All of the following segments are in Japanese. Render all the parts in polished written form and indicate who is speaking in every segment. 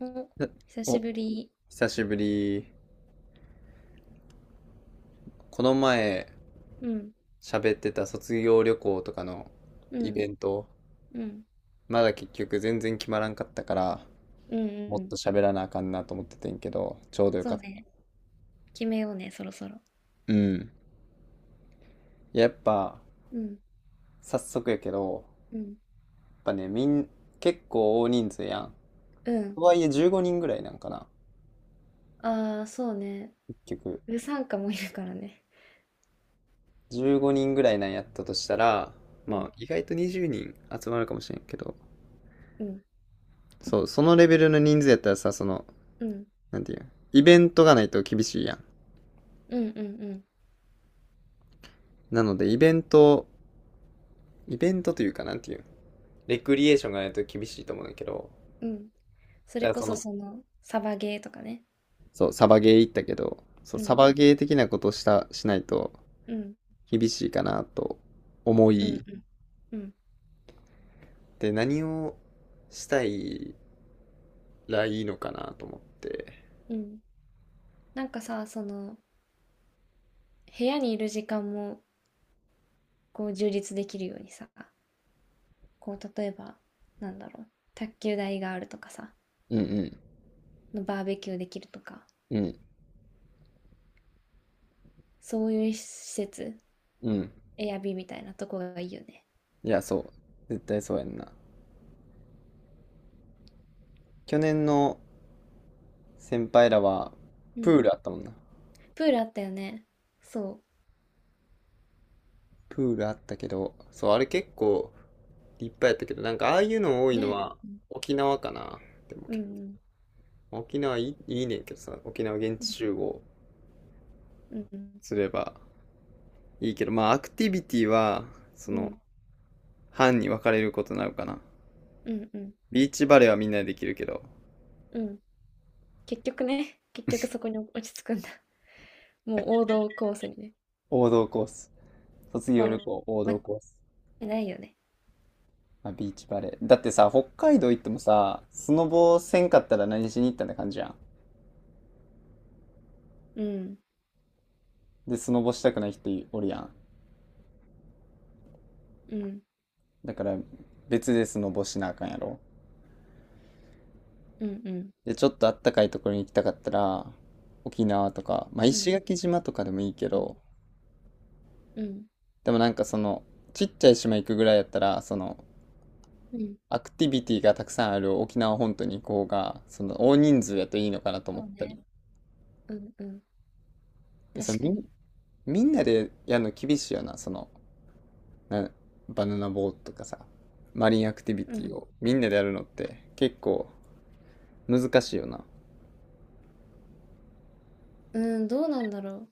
Speaker 1: お、
Speaker 2: な
Speaker 1: 久し
Speaker 2: お、
Speaker 1: ぶり。
Speaker 2: 久しぶり。この前
Speaker 1: うん、
Speaker 2: 喋ってた卒業旅行とかの
Speaker 1: う
Speaker 2: イ
Speaker 1: ん、
Speaker 2: ベント、
Speaker 1: うん、
Speaker 2: まだ結局全然決まらんかったから、
Speaker 1: うん、う
Speaker 2: もっ
Speaker 1: ん。
Speaker 2: と喋らなあかんなと思っててんけど、ちょうどよ
Speaker 1: そ
Speaker 2: か
Speaker 1: う
Speaker 2: った。
Speaker 1: ね。決めようね、そろそろ。
Speaker 2: うん。いや、やっぱ、
Speaker 1: うん、
Speaker 2: 早速やけど、
Speaker 1: うん、
Speaker 2: やっぱね、結構大人数やん。
Speaker 1: うん。
Speaker 2: とはいえ15人ぐらいなんかな、
Speaker 1: ああ、そうね。
Speaker 2: 結局。
Speaker 1: うさんかもいるからね。
Speaker 2: 15人ぐらいなんやったとしたら、
Speaker 1: う
Speaker 2: ま
Speaker 1: ん、
Speaker 2: あ、意外と20人集まるかもしれんけど、
Speaker 1: うん、
Speaker 2: そう、そのレベルの人数やったらさ、その、
Speaker 1: うん、
Speaker 2: なんていうイベントがないと厳しいやん。
Speaker 1: うん、うん、うん、
Speaker 2: なので、イベントというか、なんていうレクリエーションがないと厳しいと思うんだけど、
Speaker 1: うん。それ
Speaker 2: だから
Speaker 1: こ
Speaker 2: そ
Speaker 1: そ
Speaker 2: の、
Speaker 1: その、サバゲーとかね。
Speaker 2: そう、サバゲー行ったけど、そう、
Speaker 1: う
Speaker 2: サ
Speaker 1: ん、
Speaker 2: バゲー的なことをしないと
Speaker 1: うん、
Speaker 2: 厳しいかなと思
Speaker 1: うん、う
Speaker 2: い、
Speaker 1: ん、うん、
Speaker 2: で、何をしたいらいいのかなと思って。
Speaker 1: うん。なんかさ、その、部屋にいる時間も、こう、充実できるようにさ、こう、例えば、なんだろう、卓球台があるとかさ、
Speaker 2: うんうん、
Speaker 1: バーベキューできるとか、
Speaker 2: うん、
Speaker 1: そういう施設、
Speaker 2: うん。
Speaker 1: エアビーみたいなとこがいいよね。
Speaker 2: いや、そう。絶対そうやんな。去年の先輩らは、
Speaker 1: う
Speaker 2: プー
Speaker 1: ん。
Speaker 2: ルあったもんな。
Speaker 1: プールあったよね。そ
Speaker 2: プールあったけど、そう、あれ結構立派やったけど、なんかああいうの多
Speaker 1: う。
Speaker 2: いの
Speaker 1: ね。
Speaker 2: は
Speaker 1: うん。
Speaker 2: 沖縄かな。でも
Speaker 1: う
Speaker 2: け
Speaker 1: ん。
Speaker 2: 沖縄いい、いいねんけどさ、沖縄現地集合
Speaker 1: うん。
Speaker 2: すればいいけど、まあアクティビティは、そ
Speaker 1: う
Speaker 2: の、
Speaker 1: ん。
Speaker 2: 班に分かれることになるかな。
Speaker 1: うん。うん。
Speaker 2: ビーチバレーはみんなでできるけど、
Speaker 1: うん。結局ね、結局そこに落ち着くんだ。もう王道コースにね。
Speaker 2: 王道コース。卒
Speaker 1: ま
Speaker 2: 業旅行、王
Speaker 1: あ、間
Speaker 2: 道
Speaker 1: 違
Speaker 2: コース。
Speaker 1: いないよね。
Speaker 2: まあ、ビーチバレー。だってさ、北海道行ってもさ、スノボせんかったら何しに行ったんって感じやん。
Speaker 1: うん。
Speaker 2: で、スノボしたくない人おるやん。
Speaker 1: うん。
Speaker 2: だから別でスノボしなあかんやろ。
Speaker 1: うん。うん。
Speaker 2: で、ちょっとあったかいところに行きたかったら、沖縄とか、まあ
Speaker 1: う
Speaker 2: 石
Speaker 1: ん。
Speaker 2: 垣島とかでもいいけ
Speaker 1: うん。
Speaker 2: ど、
Speaker 1: うん。
Speaker 2: でもなんかその、ちっちゃい島行くぐらいやったら、その、
Speaker 1: うん、
Speaker 2: アクティビティがたくさんある沖縄本島に行こうが、その大人数やといいのかなと思
Speaker 1: そ
Speaker 2: っ
Speaker 1: う
Speaker 2: たり。
Speaker 1: ね。うんうん。
Speaker 2: で、その
Speaker 1: 確か
Speaker 2: みん、
Speaker 1: に。
Speaker 2: みんなでやるの厳しいよな、その、な、バナナボートとかさ、マリンアクティビ
Speaker 1: う
Speaker 2: ティ
Speaker 1: ん。
Speaker 2: をみんなでやるのって結構難しいよな。
Speaker 1: うん、どうなんだろう。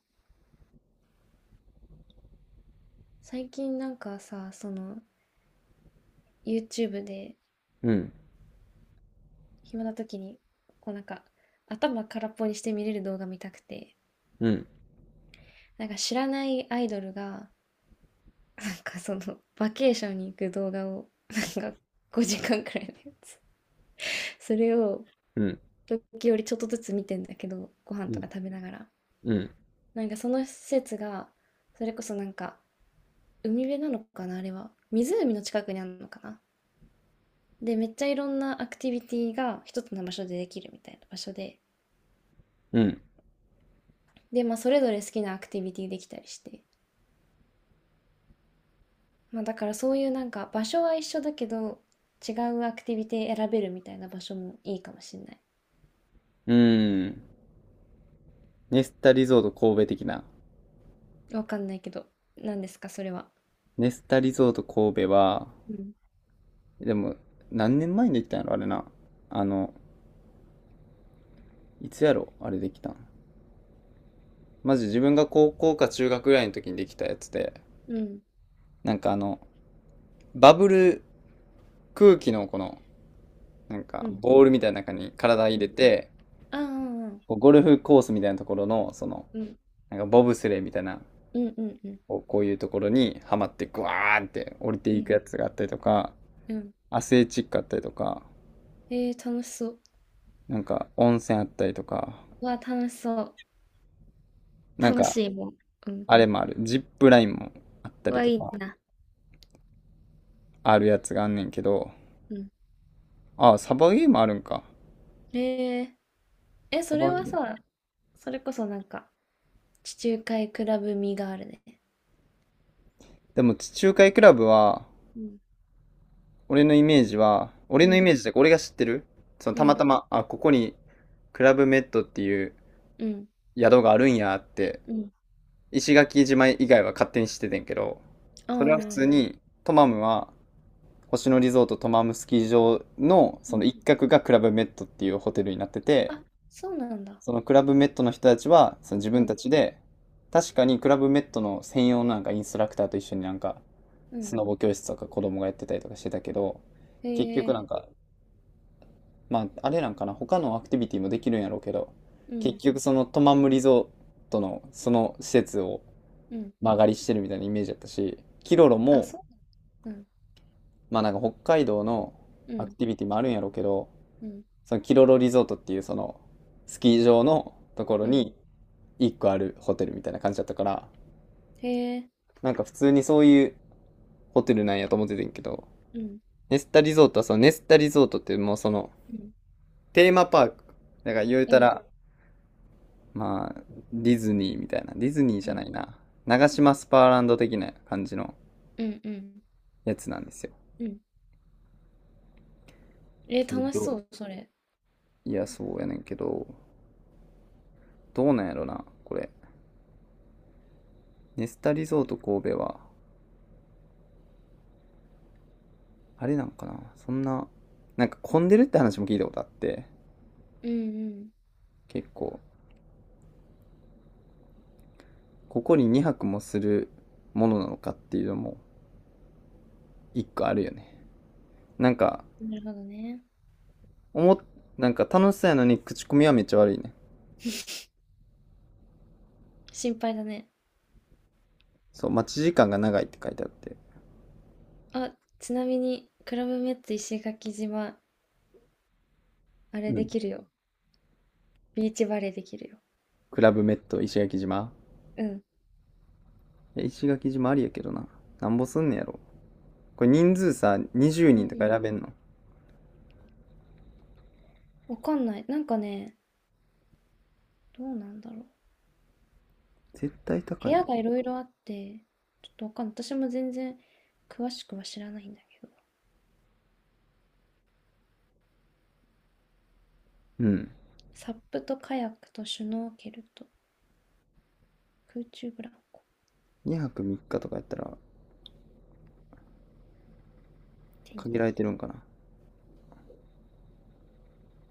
Speaker 1: 最近なんかさ、その YouTube で
Speaker 2: うん、
Speaker 1: 暇な時に、こうなんか、頭空っぽにして見れる動画見たくて、
Speaker 2: うん、
Speaker 1: なんか知らないアイドルが、なんかその、バケーションに行く動画を、なんか5時間くらいのやつ。それを、
Speaker 2: うん、
Speaker 1: 時折ちょっとずつ見てんだけど、ご飯
Speaker 2: う
Speaker 1: と
Speaker 2: ん、
Speaker 1: か食べながら。
Speaker 2: うん、
Speaker 1: なんかその施設が、それこそなんか、海辺なのかな、あれは。湖の近くにあるのかな。で、めっちゃいろんなアクティビティが一つの場所でできるみたいな場所で。
Speaker 2: うん。
Speaker 1: で、まあ、それぞれ好きなアクティビティできたりして。まあだからそういうなんか場所は一緒だけど違うアクティビティ選べるみたいな場所もいいかもしれない。
Speaker 2: うん。ネスタリゾート神戸的な。
Speaker 1: わかんないけど、何ですか、それは。
Speaker 2: ネスタリゾート神戸は、
Speaker 1: うん。
Speaker 2: でも、何年前にできたんやろ、あれな。あの、いつやろ、あれできたん。マジ自分が高校か中学ぐらいの時にできたやつで、
Speaker 1: うん。
Speaker 2: なんかあの、バブル空気のこの、なん
Speaker 1: う
Speaker 2: か、
Speaker 1: ん。
Speaker 2: ボールみたいな中に体
Speaker 1: う
Speaker 2: 入れ
Speaker 1: ん。
Speaker 2: て、
Speaker 1: ああ、うん。
Speaker 2: こうゴルフコースみたいなところの、その、
Speaker 1: うん。
Speaker 2: なんかボブスレーみたいな、
Speaker 1: うん。うん。うん。
Speaker 2: こうこういうところにはまって、グワーンって降りて
Speaker 1: う
Speaker 2: いく
Speaker 1: ん。
Speaker 2: やつがあったりとか、
Speaker 1: うん。
Speaker 2: アスレチックあったりとか、
Speaker 1: えー、楽しそう。
Speaker 2: なんか温泉あったりとか、
Speaker 1: うわ、楽しそう。
Speaker 2: なん
Speaker 1: 楽
Speaker 2: か
Speaker 1: しいもん。うん。
Speaker 2: あれもある、ジップラインもあった
Speaker 1: う
Speaker 2: り
Speaker 1: わ、
Speaker 2: と
Speaker 1: いい
Speaker 2: か、
Speaker 1: な。
Speaker 2: あるやつがあんねんけど、
Speaker 1: うん。
Speaker 2: ああ、サバゲーもあるんか。
Speaker 1: ええ。え、
Speaker 2: サ
Speaker 1: それ
Speaker 2: バゲ
Speaker 1: は
Speaker 2: ー。
Speaker 1: さ、それこそなんか、地中海クラブ味があるね。
Speaker 2: でも地中海クラブは、
Speaker 1: うん。
Speaker 2: 俺のイメージは、俺
Speaker 1: う
Speaker 2: のイ
Speaker 1: ん。
Speaker 2: メージで俺が知ってる、その
Speaker 1: う
Speaker 2: たま
Speaker 1: ん。
Speaker 2: たま、あ、ここにクラブメッドっていう
Speaker 1: うん。
Speaker 2: 宿があるんやって、
Speaker 1: うん。
Speaker 2: 石垣島以外は勝手に知っててんけど、
Speaker 1: ああ。
Speaker 2: それは普
Speaker 1: う
Speaker 2: 通に、トマムは、星野リゾートトマムスキー場のその
Speaker 1: ん。
Speaker 2: 一角がクラブメッドっていうホテルになってて、
Speaker 1: あ、そうなんだ。
Speaker 2: そのクラブメットの人たちは、その自
Speaker 1: う
Speaker 2: 分た
Speaker 1: ん、
Speaker 2: ちで、確かにクラブメットの専用のなんかインストラクターと一緒になんか、
Speaker 1: う
Speaker 2: ス
Speaker 1: ん。
Speaker 2: ノボ教室とか子供がやってたりとかしてたけど、
Speaker 1: へ
Speaker 2: 結局なん
Speaker 1: え、
Speaker 2: か、まあ、あれなんかな、他のアクティビティもできるんやろうけど、
Speaker 1: う
Speaker 2: 結
Speaker 1: ん、
Speaker 2: 局そのトマムリゾートのその施設を
Speaker 1: うん。
Speaker 2: 間借りしてるみたいなイメージだったし、キロロ
Speaker 1: あ、
Speaker 2: も、
Speaker 1: そう。うん、
Speaker 2: まあなんか北海道の
Speaker 1: う
Speaker 2: アク
Speaker 1: ん、
Speaker 2: ティビティもあるんやろうけど、
Speaker 1: うん、
Speaker 2: そのキロロリゾートっていうそのスキー場のところ
Speaker 1: うん。
Speaker 2: に一個あるホテルみたいな感じだったから、
Speaker 1: へえ、
Speaker 2: なんか普通にそういうホテルなんやと思っててんけど、
Speaker 1: うん、
Speaker 2: ネスタリゾートはそのネスタリゾートってもうその
Speaker 1: うん、
Speaker 2: テーマパーク。だから言うた
Speaker 1: うん、
Speaker 2: ら、まあ、ディズニーみたいな。ディズニー
Speaker 1: う
Speaker 2: じゃな
Speaker 1: ん、
Speaker 2: いな。長島スパーランド的な感じの
Speaker 1: うん、うん。
Speaker 2: やつなんですよ。
Speaker 1: うん、えー、
Speaker 2: け
Speaker 1: 楽し
Speaker 2: ど、
Speaker 1: そう、それ。
Speaker 2: いや、そうやねんけど、どうなんやろな、これ。ネスタリゾート神戸は、あれなんかな、そんな、なんか混んでるって話も聞いたことあって、
Speaker 1: うん、
Speaker 2: 結構、ここに2泊もするものなのかっていうのも、一個あるよね。なんか、
Speaker 1: うん。なるほどね。
Speaker 2: おもなんか楽しそうやのに口コミはめっちゃ悪いね。
Speaker 1: 心配だね。
Speaker 2: そう、待ち時間が長いって書いてあって。
Speaker 1: あ、ちなみに、クラブメッツ石垣島、あれ
Speaker 2: う
Speaker 1: で
Speaker 2: ん。
Speaker 1: きるよ。ビーチバレーできるよ。
Speaker 2: クラブメット石垣島
Speaker 1: うん。
Speaker 2: いや石垣島ありやけどな。なんぼすんねやろ。これ人数さ、20
Speaker 1: う
Speaker 2: 人とか
Speaker 1: ん。
Speaker 2: 選べんの？
Speaker 1: わかんない。なんかね、どうなんだろう。
Speaker 2: 絶対
Speaker 1: 部
Speaker 2: 高
Speaker 1: 屋
Speaker 2: い
Speaker 1: がいろいろあって、ちょっとわかんない。私も全然詳しくは知らないんだけど。
Speaker 2: うん。
Speaker 1: サップとカヤックとシュノーケルと空中ブランコ、
Speaker 2: 2泊3日とかやったら
Speaker 1: テニ
Speaker 2: 限
Speaker 1: ス。
Speaker 2: られてるんかな。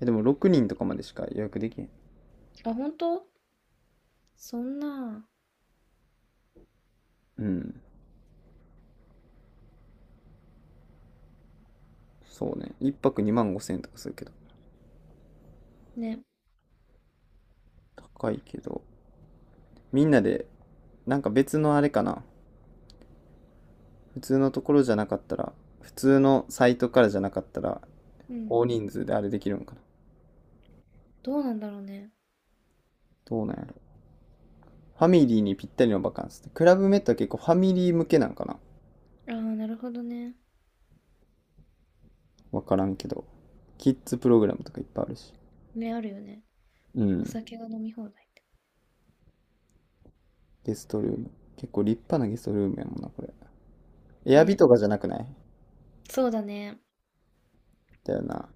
Speaker 2: え、でも6人とかまでしか予約できへん。
Speaker 1: あ、本当そんな、
Speaker 2: うん。そうね。1泊2万5千円とかするけど。
Speaker 1: ね、
Speaker 2: 高いけど。みんなで、なんか別のあれかな。普通のところじゃなかったら、普通のサイトからじゃなかったら、
Speaker 1: うん。
Speaker 2: 大人数であれできるんかな。
Speaker 1: どうなんだろうね。
Speaker 2: どうなんやろ。ファミリーにぴったりのバカンスって。クラブメットは結構ファミリー向けなんかな。
Speaker 1: ああ、なるほどね。
Speaker 2: わからんけど。キッズプログラムとかいっぱいあるし。
Speaker 1: 目あるよね。
Speaker 2: う
Speaker 1: お
Speaker 2: ん。
Speaker 1: 酒が飲み放題って。
Speaker 2: ゲストルーム。結構立派なゲストルームやもんな、これ。エアビ
Speaker 1: ね、
Speaker 2: とかじゃなくない？
Speaker 1: そうだね。
Speaker 2: だよな。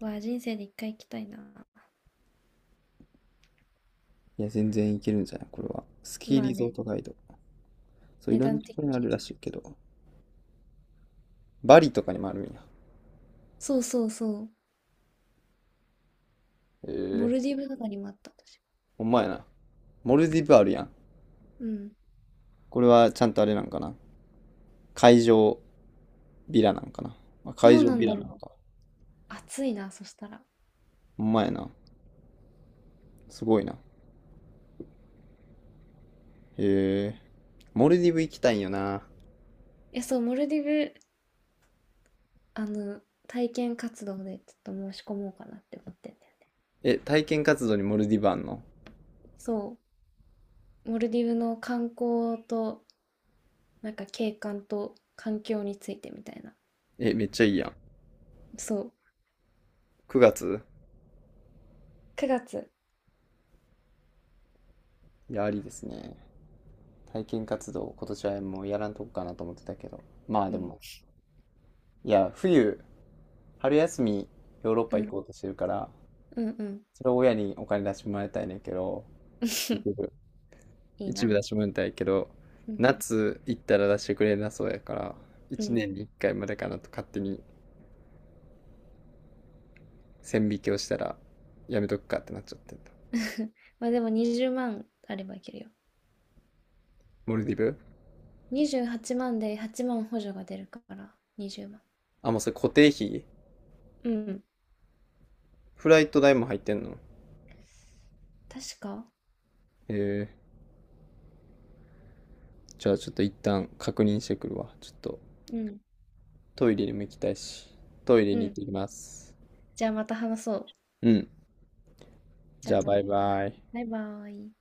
Speaker 1: わあ、人生で一回行きたいな。
Speaker 2: いや、全然いけるんじゃないこれは。スキー
Speaker 1: まあ
Speaker 2: リゾー
Speaker 1: ね、
Speaker 2: トガイド。そう、い
Speaker 1: 値
Speaker 2: ろんな
Speaker 1: 段
Speaker 2: とこ
Speaker 1: 的
Speaker 2: ろにあ
Speaker 1: に
Speaker 2: る
Speaker 1: は。
Speaker 2: らしいけど。バリとかにもあるんや。
Speaker 1: そうそうそう。
Speaker 2: え
Speaker 1: モ
Speaker 2: え
Speaker 1: ルデ
Speaker 2: ー
Speaker 1: ィブとかにもあった、私。
Speaker 2: ほんまやな。モルディブあるやん。
Speaker 1: うん。
Speaker 2: これはちゃんとあれなんかな。会場ビラなんかな。あ
Speaker 1: ど
Speaker 2: 会
Speaker 1: う
Speaker 2: 場
Speaker 1: なん
Speaker 2: ビ
Speaker 1: だ
Speaker 2: ラ
Speaker 1: ろ
Speaker 2: なん
Speaker 1: う。
Speaker 2: か。
Speaker 1: 暑いな、そしたら。
Speaker 2: ほんまやな。すごいな。へえ。モルディブ行きたいんよな。
Speaker 1: え、そう、モルディブ、あの、体験活動でちょっと申し込もうかなって思ってんだよね。
Speaker 2: え、体験活動にモルディブあんの？
Speaker 1: そう。モルディブの観光と、なんか景観と環境についてみたいな。
Speaker 2: え、めっちゃいいやん。
Speaker 1: そう。
Speaker 2: 9月
Speaker 1: 9月。
Speaker 2: いや、ありですね。体験活動、今年はもうやらんとこかなと思ってたけど。まあ
Speaker 1: う
Speaker 2: で
Speaker 1: ん。
Speaker 2: も、いや、冬、春休み、ヨーロッ
Speaker 1: う
Speaker 2: パ行
Speaker 1: ん。
Speaker 2: こうとしてるから、
Speaker 1: うんうん。
Speaker 2: それを親にお金出してもらいたいねんけど、結 局
Speaker 1: いい
Speaker 2: 一部
Speaker 1: な。
Speaker 2: 出してもらいたいけど、
Speaker 1: うん。
Speaker 2: 夏行ったら出してくれなそうやから、
Speaker 1: う
Speaker 2: 1
Speaker 1: ん。
Speaker 2: 年に1回までかなと勝手に線引きをしたら、やめとくかってなっちゃってんだ
Speaker 1: まあでも20万あればいけるよ。
Speaker 2: モルディブ
Speaker 1: 28万で8万補助が出るから、20万。
Speaker 2: あ、もうそれ固定費
Speaker 1: うん。
Speaker 2: フライト代も入ってんの？へ
Speaker 1: 確か、
Speaker 2: え。じゃあちょっと一旦確認してくるわ。ちょっと
Speaker 1: うん。
Speaker 2: トイレにも行きたいし。トイレ
Speaker 1: う
Speaker 2: に行っ
Speaker 1: ん。
Speaker 2: てきます。
Speaker 1: じゃあまた話そう。
Speaker 2: うん。
Speaker 1: じ
Speaker 2: じ
Speaker 1: ゃ
Speaker 2: ゃ
Speaker 1: あ
Speaker 2: あ
Speaker 1: ま
Speaker 2: バイ
Speaker 1: た。
Speaker 2: バイ。
Speaker 1: バイバーイ。